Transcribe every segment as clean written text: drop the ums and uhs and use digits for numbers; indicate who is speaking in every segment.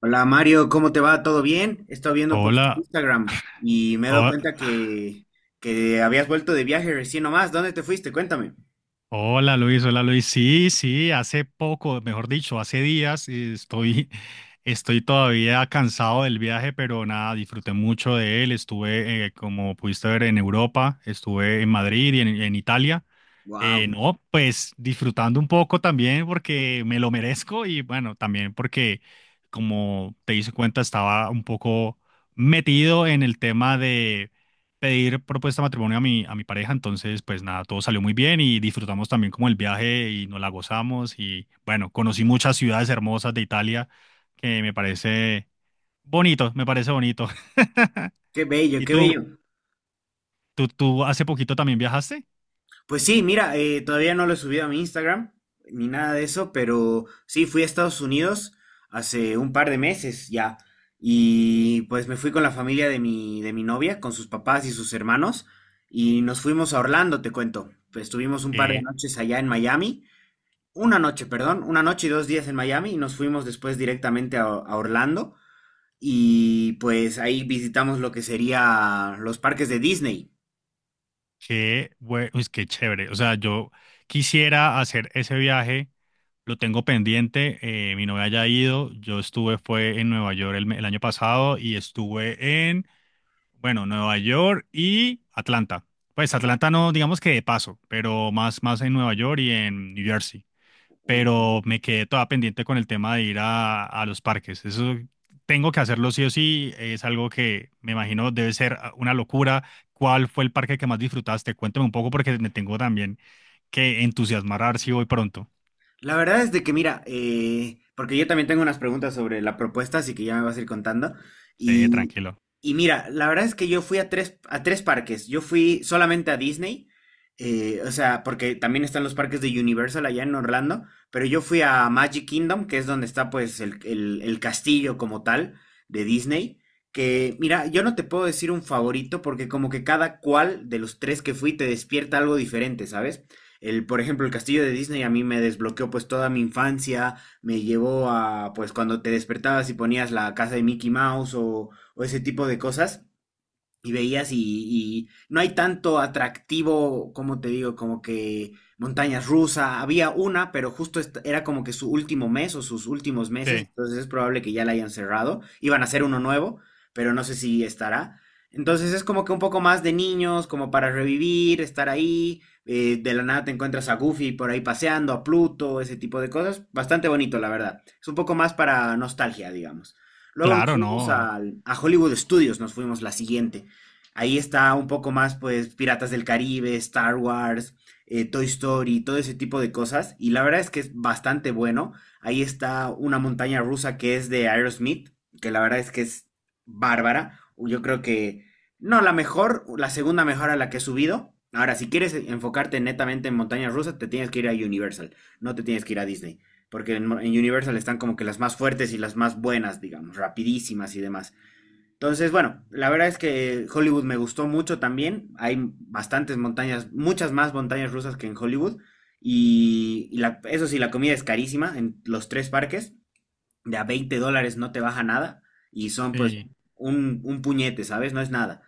Speaker 1: Hola Mario, ¿cómo te va? ¿Todo bien? He estado viendo pues tu
Speaker 2: Hola,
Speaker 1: Instagram y me he dado
Speaker 2: ho-
Speaker 1: cuenta que habías vuelto de viaje recién nomás. ¿Dónde te fuiste? Cuéntame.
Speaker 2: hola Luis, hola Luis. Sí, sí, hace poco, mejor dicho, hace días estoy todavía cansado del viaje, pero nada, disfruté mucho de él. Estuve, como pudiste ver, en Europa, estuve en Madrid y en Italia.
Speaker 1: Wow,
Speaker 2: No, pues disfrutando un poco también porque me lo merezco y bueno, también porque como te hice cuenta estaba un poco metido en el tema de pedir propuesta de matrimonio a a mi pareja, entonces pues nada, todo salió muy bien y disfrutamos también como el viaje y nos la gozamos y bueno, conocí muchas ciudades hermosas de Italia que me parece bonito, me parece bonito.
Speaker 1: qué bello,
Speaker 2: ¿Y
Speaker 1: qué bello.
Speaker 2: tú hace poquito también viajaste?
Speaker 1: Pues sí, mira, todavía no lo he subido a mi Instagram ni nada de eso, pero sí, fui a Estados Unidos hace un par de meses ya y pues me fui con la familia de mi novia, con sus papás y sus hermanos y nos fuimos a Orlando, te cuento. Pues estuvimos un par de
Speaker 2: Eh,
Speaker 1: noches allá en Miami. Una noche, perdón, una noche y 2 días en Miami y nos fuimos después directamente a Orlando y pues ahí visitamos lo que sería los parques de Disney.
Speaker 2: pues qué chévere. O sea, yo quisiera hacer ese viaje, lo tengo pendiente, mi novia ya ha ido, yo estuve, fue en Nueva York el año pasado y estuve bueno, Nueva York y Atlanta. Pues Atlanta no, digamos que de paso, pero más en Nueva York y en New Jersey, pero
Speaker 1: Ok.
Speaker 2: me quedé toda pendiente con el tema de ir a los parques. Eso tengo que hacerlo sí o sí, es algo que me imagino debe ser ah, una locura. ¿Cuál fue el parque que más disfrutaste? Cuéntame un poco porque me tengo también que entusiasmar a ver si voy pronto.
Speaker 1: La verdad es de que, mira, porque yo también tengo unas preguntas sobre la propuesta, así que ya me vas a ir contando.
Speaker 2: Sí,
Speaker 1: Y,
Speaker 2: tranquilo.
Speaker 1: y mira, la verdad es que yo fui a tres parques. Yo fui solamente a Disney, o sea, porque también están los parques de Universal allá en Orlando, pero yo fui a Magic Kingdom, que es donde está pues el castillo como tal de Disney. Que, mira, yo no te puedo decir un favorito porque como que cada cual de los tres que fui te despierta algo diferente, ¿sabes? El, por ejemplo, el castillo de Disney a mí me desbloqueó pues toda mi infancia, me llevó a pues cuando te despertabas y ponías la casa de Mickey Mouse o ese tipo de cosas y veías y no hay tanto atractivo, como te digo, como que montañas rusas, había una, pero justo era como que su último mes o sus últimos meses,
Speaker 2: Sí,
Speaker 1: entonces es probable que ya la hayan cerrado, iban a hacer uno nuevo, pero no sé si estará. Entonces es como que un poco más de niños, como para revivir, estar ahí, de la nada te encuentras a Goofy por ahí paseando, a Pluto, ese tipo de cosas, bastante bonito, la verdad. Es un poco más para nostalgia, digamos. Luego nos
Speaker 2: claro,
Speaker 1: fuimos
Speaker 2: no. Ok.
Speaker 1: a Hollywood Studios, nos fuimos la siguiente. Ahí está un poco más, pues, Piratas del Caribe, Star Wars, Toy Story, todo ese tipo de cosas. Y la verdad es que es bastante bueno. Ahí está una montaña rusa que es de Aerosmith, que la verdad es que es bárbara. Yo creo que, no, la mejor, la segunda mejor a la que he subido. Ahora, si quieres enfocarte netamente en montañas rusas, te tienes que ir a Universal, no te tienes que ir a Disney. Porque en Universal están como que las más fuertes y las más buenas, digamos, rapidísimas y demás. Entonces, bueno, la verdad es que Hollywood me gustó mucho también. Hay bastantes montañas, muchas más montañas rusas que en Hollywood. Y la- eso sí, la comida es carísima en los tres parques. De a 20 dólares no te baja nada. Y son pues
Speaker 2: Sí,
Speaker 1: un puñete, ¿sabes? No es nada.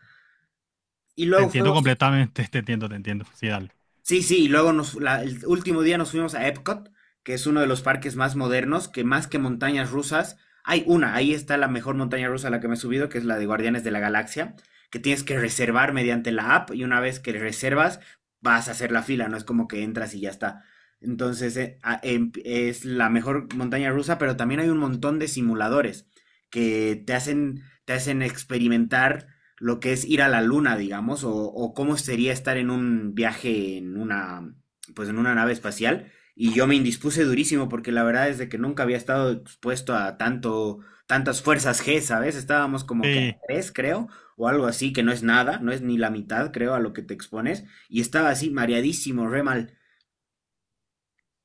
Speaker 1: Y
Speaker 2: te
Speaker 1: luego fue.
Speaker 2: entiendo completamente, te entiendo, te entiendo. Sí, dale.
Speaker 1: Sí, sí, y luego el último día nos fuimos a Epcot, que es uno de los parques más modernos, que más que montañas rusas, hay una, ahí está la mejor montaña rusa a la que me he subido, que es la de Guardianes de la Galaxia, que tienes que reservar mediante la app y una vez que reservas vas a hacer la fila, no es como que entras y ya está. Entonces es la mejor montaña rusa, pero también hay un montón de simuladores que te hacen experimentar lo que es ir a la luna, digamos, o cómo sería estar en un viaje en una, pues en una nave espacial. Y yo me indispuse durísimo porque la verdad es de que nunca había estado expuesto a tanto, tantas fuerzas G, ¿sabes? Estábamos como que a
Speaker 2: Sí,
Speaker 1: tres, creo, o algo así, que no es nada, no es ni la mitad, creo, a lo que te expones. Y estaba así, mareadísimo, re mal.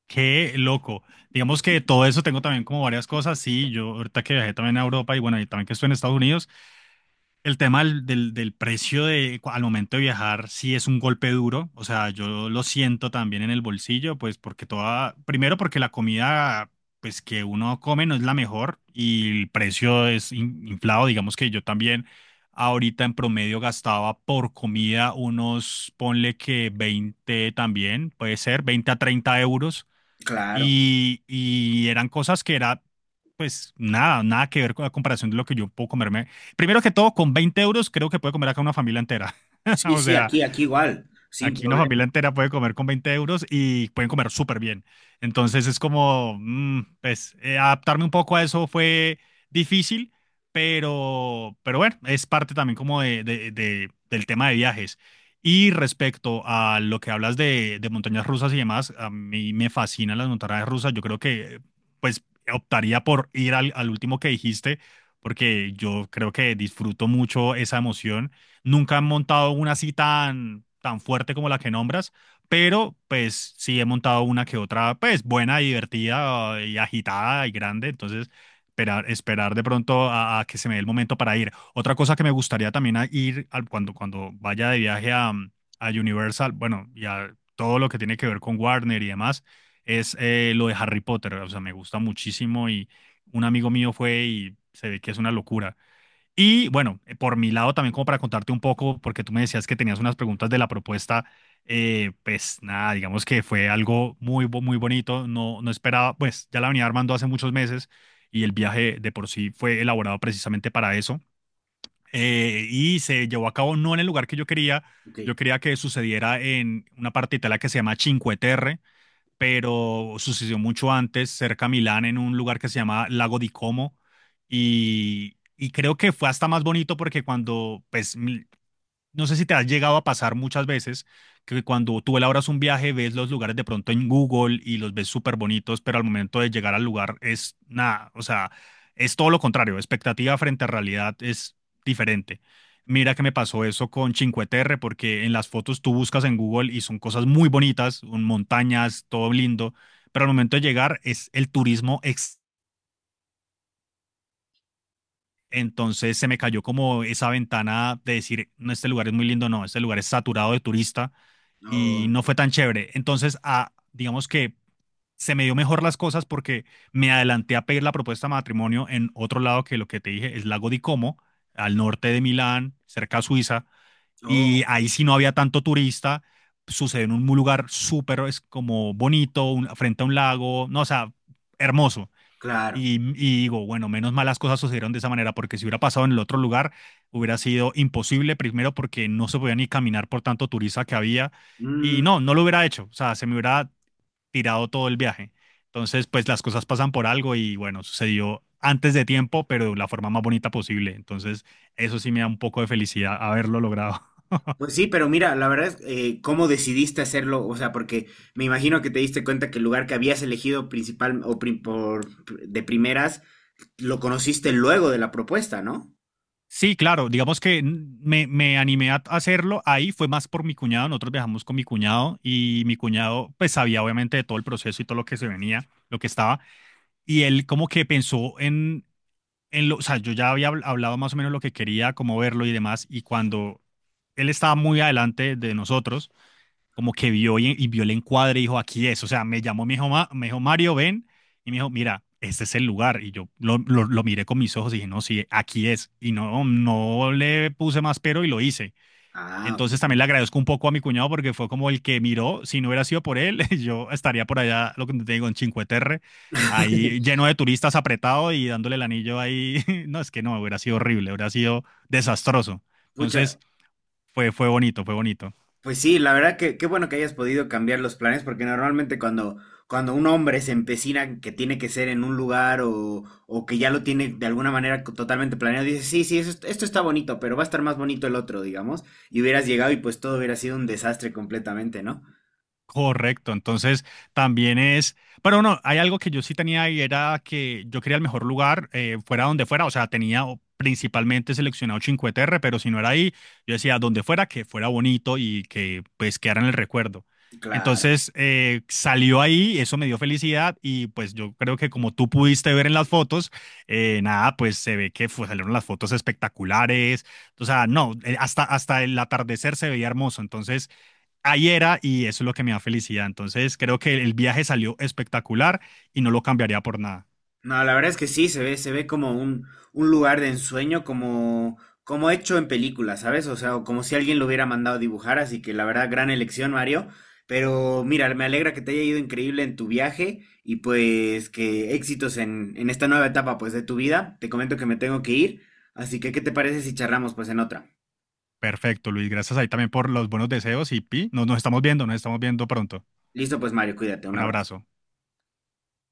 Speaker 2: qué loco. Digamos que todo eso tengo también como varias cosas. Sí, yo ahorita que viajé también a Europa y bueno, y también que estoy en Estados Unidos. El tema del precio de, cu- al momento de viajar sí es un golpe duro, o sea, yo lo siento también en el bolsillo, pues porque toda, primero porque la comida, pues que uno come no es la mejor y el precio es in- inflado, digamos que yo también ahorita en promedio gastaba por comida unos, ponle que 20 también, puede ser, 20 a 30 euros
Speaker 1: Claro.
Speaker 2: y eran cosas que era, pues nada, nada que ver con la comparación de lo que yo puedo comerme. Primero que todo, con 20 euros creo que puede comer acá una familia entera.
Speaker 1: Sí,
Speaker 2: O
Speaker 1: sí,
Speaker 2: sea,
Speaker 1: aquí, aquí igual, sin
Speaker 2: aquí una familia
Speaker 1: problema.
Speaker 2: entera puede comer con 20 euros y pueden comer súper bien. Entonces es como, pues, adaptarme un poco a eso fue difícil, pero bueno, es parte también como del tema de viajes. Y respecto a lo que hablas de montañas rusas y demás, a mí me fascinan las montañas rusas. Yo creo que, pues, optaría por ir al último que dijiste, porque yo creo que disfruto mucho esa emoción. Nunca han montado una así tan fuerte como la que nombras, pero pues sí he montado una que otra, pues buena, divertida y agitada y grande, entonces esperar de pronto a que se me dé el momento para ir. Otra cosa que me gustaría también a ir al, cuando vaya de viaje a Universal, bueno, y a todo lo que tiene que ver con Warner y demás, es lo de Harry Potter, o sea, me gusta muchísimo y un amigo mío fue y se ve que es una locura. Y bueno, por mi lado también como para contarte un poco, porque tú me decías que tenías unas preguntas de la propuesta, pues nada, digamos que fue algo muy bonito, no, no esperaba, pues ya la venía armando hace muchos meses y el viaje de por sí fue elaborado precisamente para eso. Y se llevó a cabo no en el lugar que
Speaker 1: Ok.
Speaker 2: yo quería que sucediera en una parte de Italia que se llama Cinque Terre, pero sucedió mucho antes, cerca a Milán, en un lugar que se llama Lago di Como. Y creo que fue hasta más bonito porque cuando pues, mi- no sé si te has llegado a pasar muchas veces que cuando tú elaboras un viaje ves los lugares de pronto en Google y los ves súper bonitos, pero al momento de llegar al lugar es nada, o sea, es todo lo contrario, expectativa frente a realidad es diferente. Mira que me pasó eso con Cinque Terre, porque en las fotos tú buscas en Google y son cosas muy bonitas, un- montañas, todo lindo, pero al momento de llegar es el turismo extremo. Entonces se me cayó como esa ventana de decir, no, este lugar es muy lindo, no, este lugar es saturado de turista y
Speaker 1: Oh,
Speaker 2: no fue tan chévere. Entonces, a, digamos que se me dio mejor las cosas porque me adelanté a pedir la propuesta de matrimonio en otro lado que lo que te dije es Lago di Como, al norte de Milán, cerca a Suiza, y
Speaker 1: oh,
Speaker 2: ahí sí no había tanto turista, sucedió en un lugar súper, es como bonito, un- frente a un lago, no, o sea, hermoso.
Speaker 1: claro.
Speaker 2: Y digo, bueno, menos mal las cosas sucedieron de esa manera, porque si hubiera pasado en el otro lugar, hubiera sido imposible, primero porque no se podía ni caminar por tanto turista que había, y
Speaker 1: Mm.
Speaker 2: no, no lo hubiera hecho, o sea, se me hubiera tirado todo el viaje. Entonces, pues las cosas pasan por algo y bueno, sucedió antes de tiempo, pero de la forma más bonita posible. Entonces, eso sí me da un poco de felicidad haberlo logrado.
Speaker 1: Pues sí, pero mira, la verdad, ¿cómo decidiste hacerlo? O sea, porque me imagino que te diste cuenta que el lugar que habías elegido principal o por, de primeras lo conociste luego de la propuesta, ¿no?
Speaker 2: Sí, claro, digamos que n- me animé a hacerlo, ahí fue más por mi cuñado, nosotros viajamos con mi cuñado y mi cuñado pues sabía obviamente de todo el proceso y todo lo que se venía, lo que estaba, y él como que pensó en lo, o sea, yo ya había habl- hablado más o menos lo que quería, cómo verlo y demás, y cuando él estaba muy adelante de nosotros, como que vio y vio el encuadre y dijo, aquí es. O sea, me llamó, me dijo, "Ma- me dijo, Mario, ven. Y me dijo, mira, este es el lugar. Y yo lo miré con mis ojos y dije, no, sí, aquí es. Y no, no le puse más pero y lo hice.
Speaker 1: Ah, ok.
Speaker 2: Entonces también le agradezco un poco a mi cuñado porque fue como el que miró. Si no hubiera sido por él, yo estaría por allá, lo que te digo, en Cinque Terre, ahí lleno de turistas apretado y dándole el anillo ahí. No, es que no, hubiera sido horrible, hubiera sido desastroso. Entonces
Speaker 1: Pucha,
Speaker 2: fue, fue bonito, fue bonito.
Speaker 1: pues sí, la verdad que qué bueno que hayas podido cambiar los planes, porque normalmente cuando, cuando un hombre se empecina en que tiene que ser en un lugar o que ya lo tiene de alguna manera totalmente planeado, dice, sí, sí, eso esto está bonito, pero va a estar más bonito el otro, digamos, y hubieras llegado y pues todo hubiera sido un desastre completamente, ¿no?
Speaker 2: Correcto, entonces también es, pero no, hay algo que yo sí tenía y era que yo quería el mejor lugar, fuera donde fuera, o sea, tenía o- principalmente seleccionado Cinque Terre, pero si no era ahí, yo decía donde fuera, que fuera bonito y que pues quedara en el recuerdo.
Speaker 1: Claro.
Speaker 2: Entonces salió ahí, eso me dio felicidad y pues yo creo que como tú pudiste ver en las fotos, nada, pues se ve que fue- salieron las fotos espectaculares, o sea, no, hasta el atardecer se veía hermoso, entonces ahí era y eso es lo que me da felicidad. Entonces creo que el viaje salió espectacular y no lo cambiaría por nada.
Speaker 1: No, la verdad es que sí, se ve como un lugar de ensueño, como, como hecho en película, ¿sabes? O sea, o como si alguien lo hubiera mandado a dibujar, así que la verdad, gran elección, Mario. Pero mira, me alegra que te haya ido increíble en tu viaje y pues que éxitos en esta nueva etapa pues de tu vida. Te comento que me tengo que ir, así que ¿qué te parece si charlamos pues en otra?
Speaker 2: Perfecto, Luis. Gracias ahí también por los buenos deseos y Pi, nos estamos viendo pronto.
Speaker 1: Listo, pues Mario, cuídate, un
Speaker 2: Un
Speaker 1: abrazo.
Speaker 2: abrazo.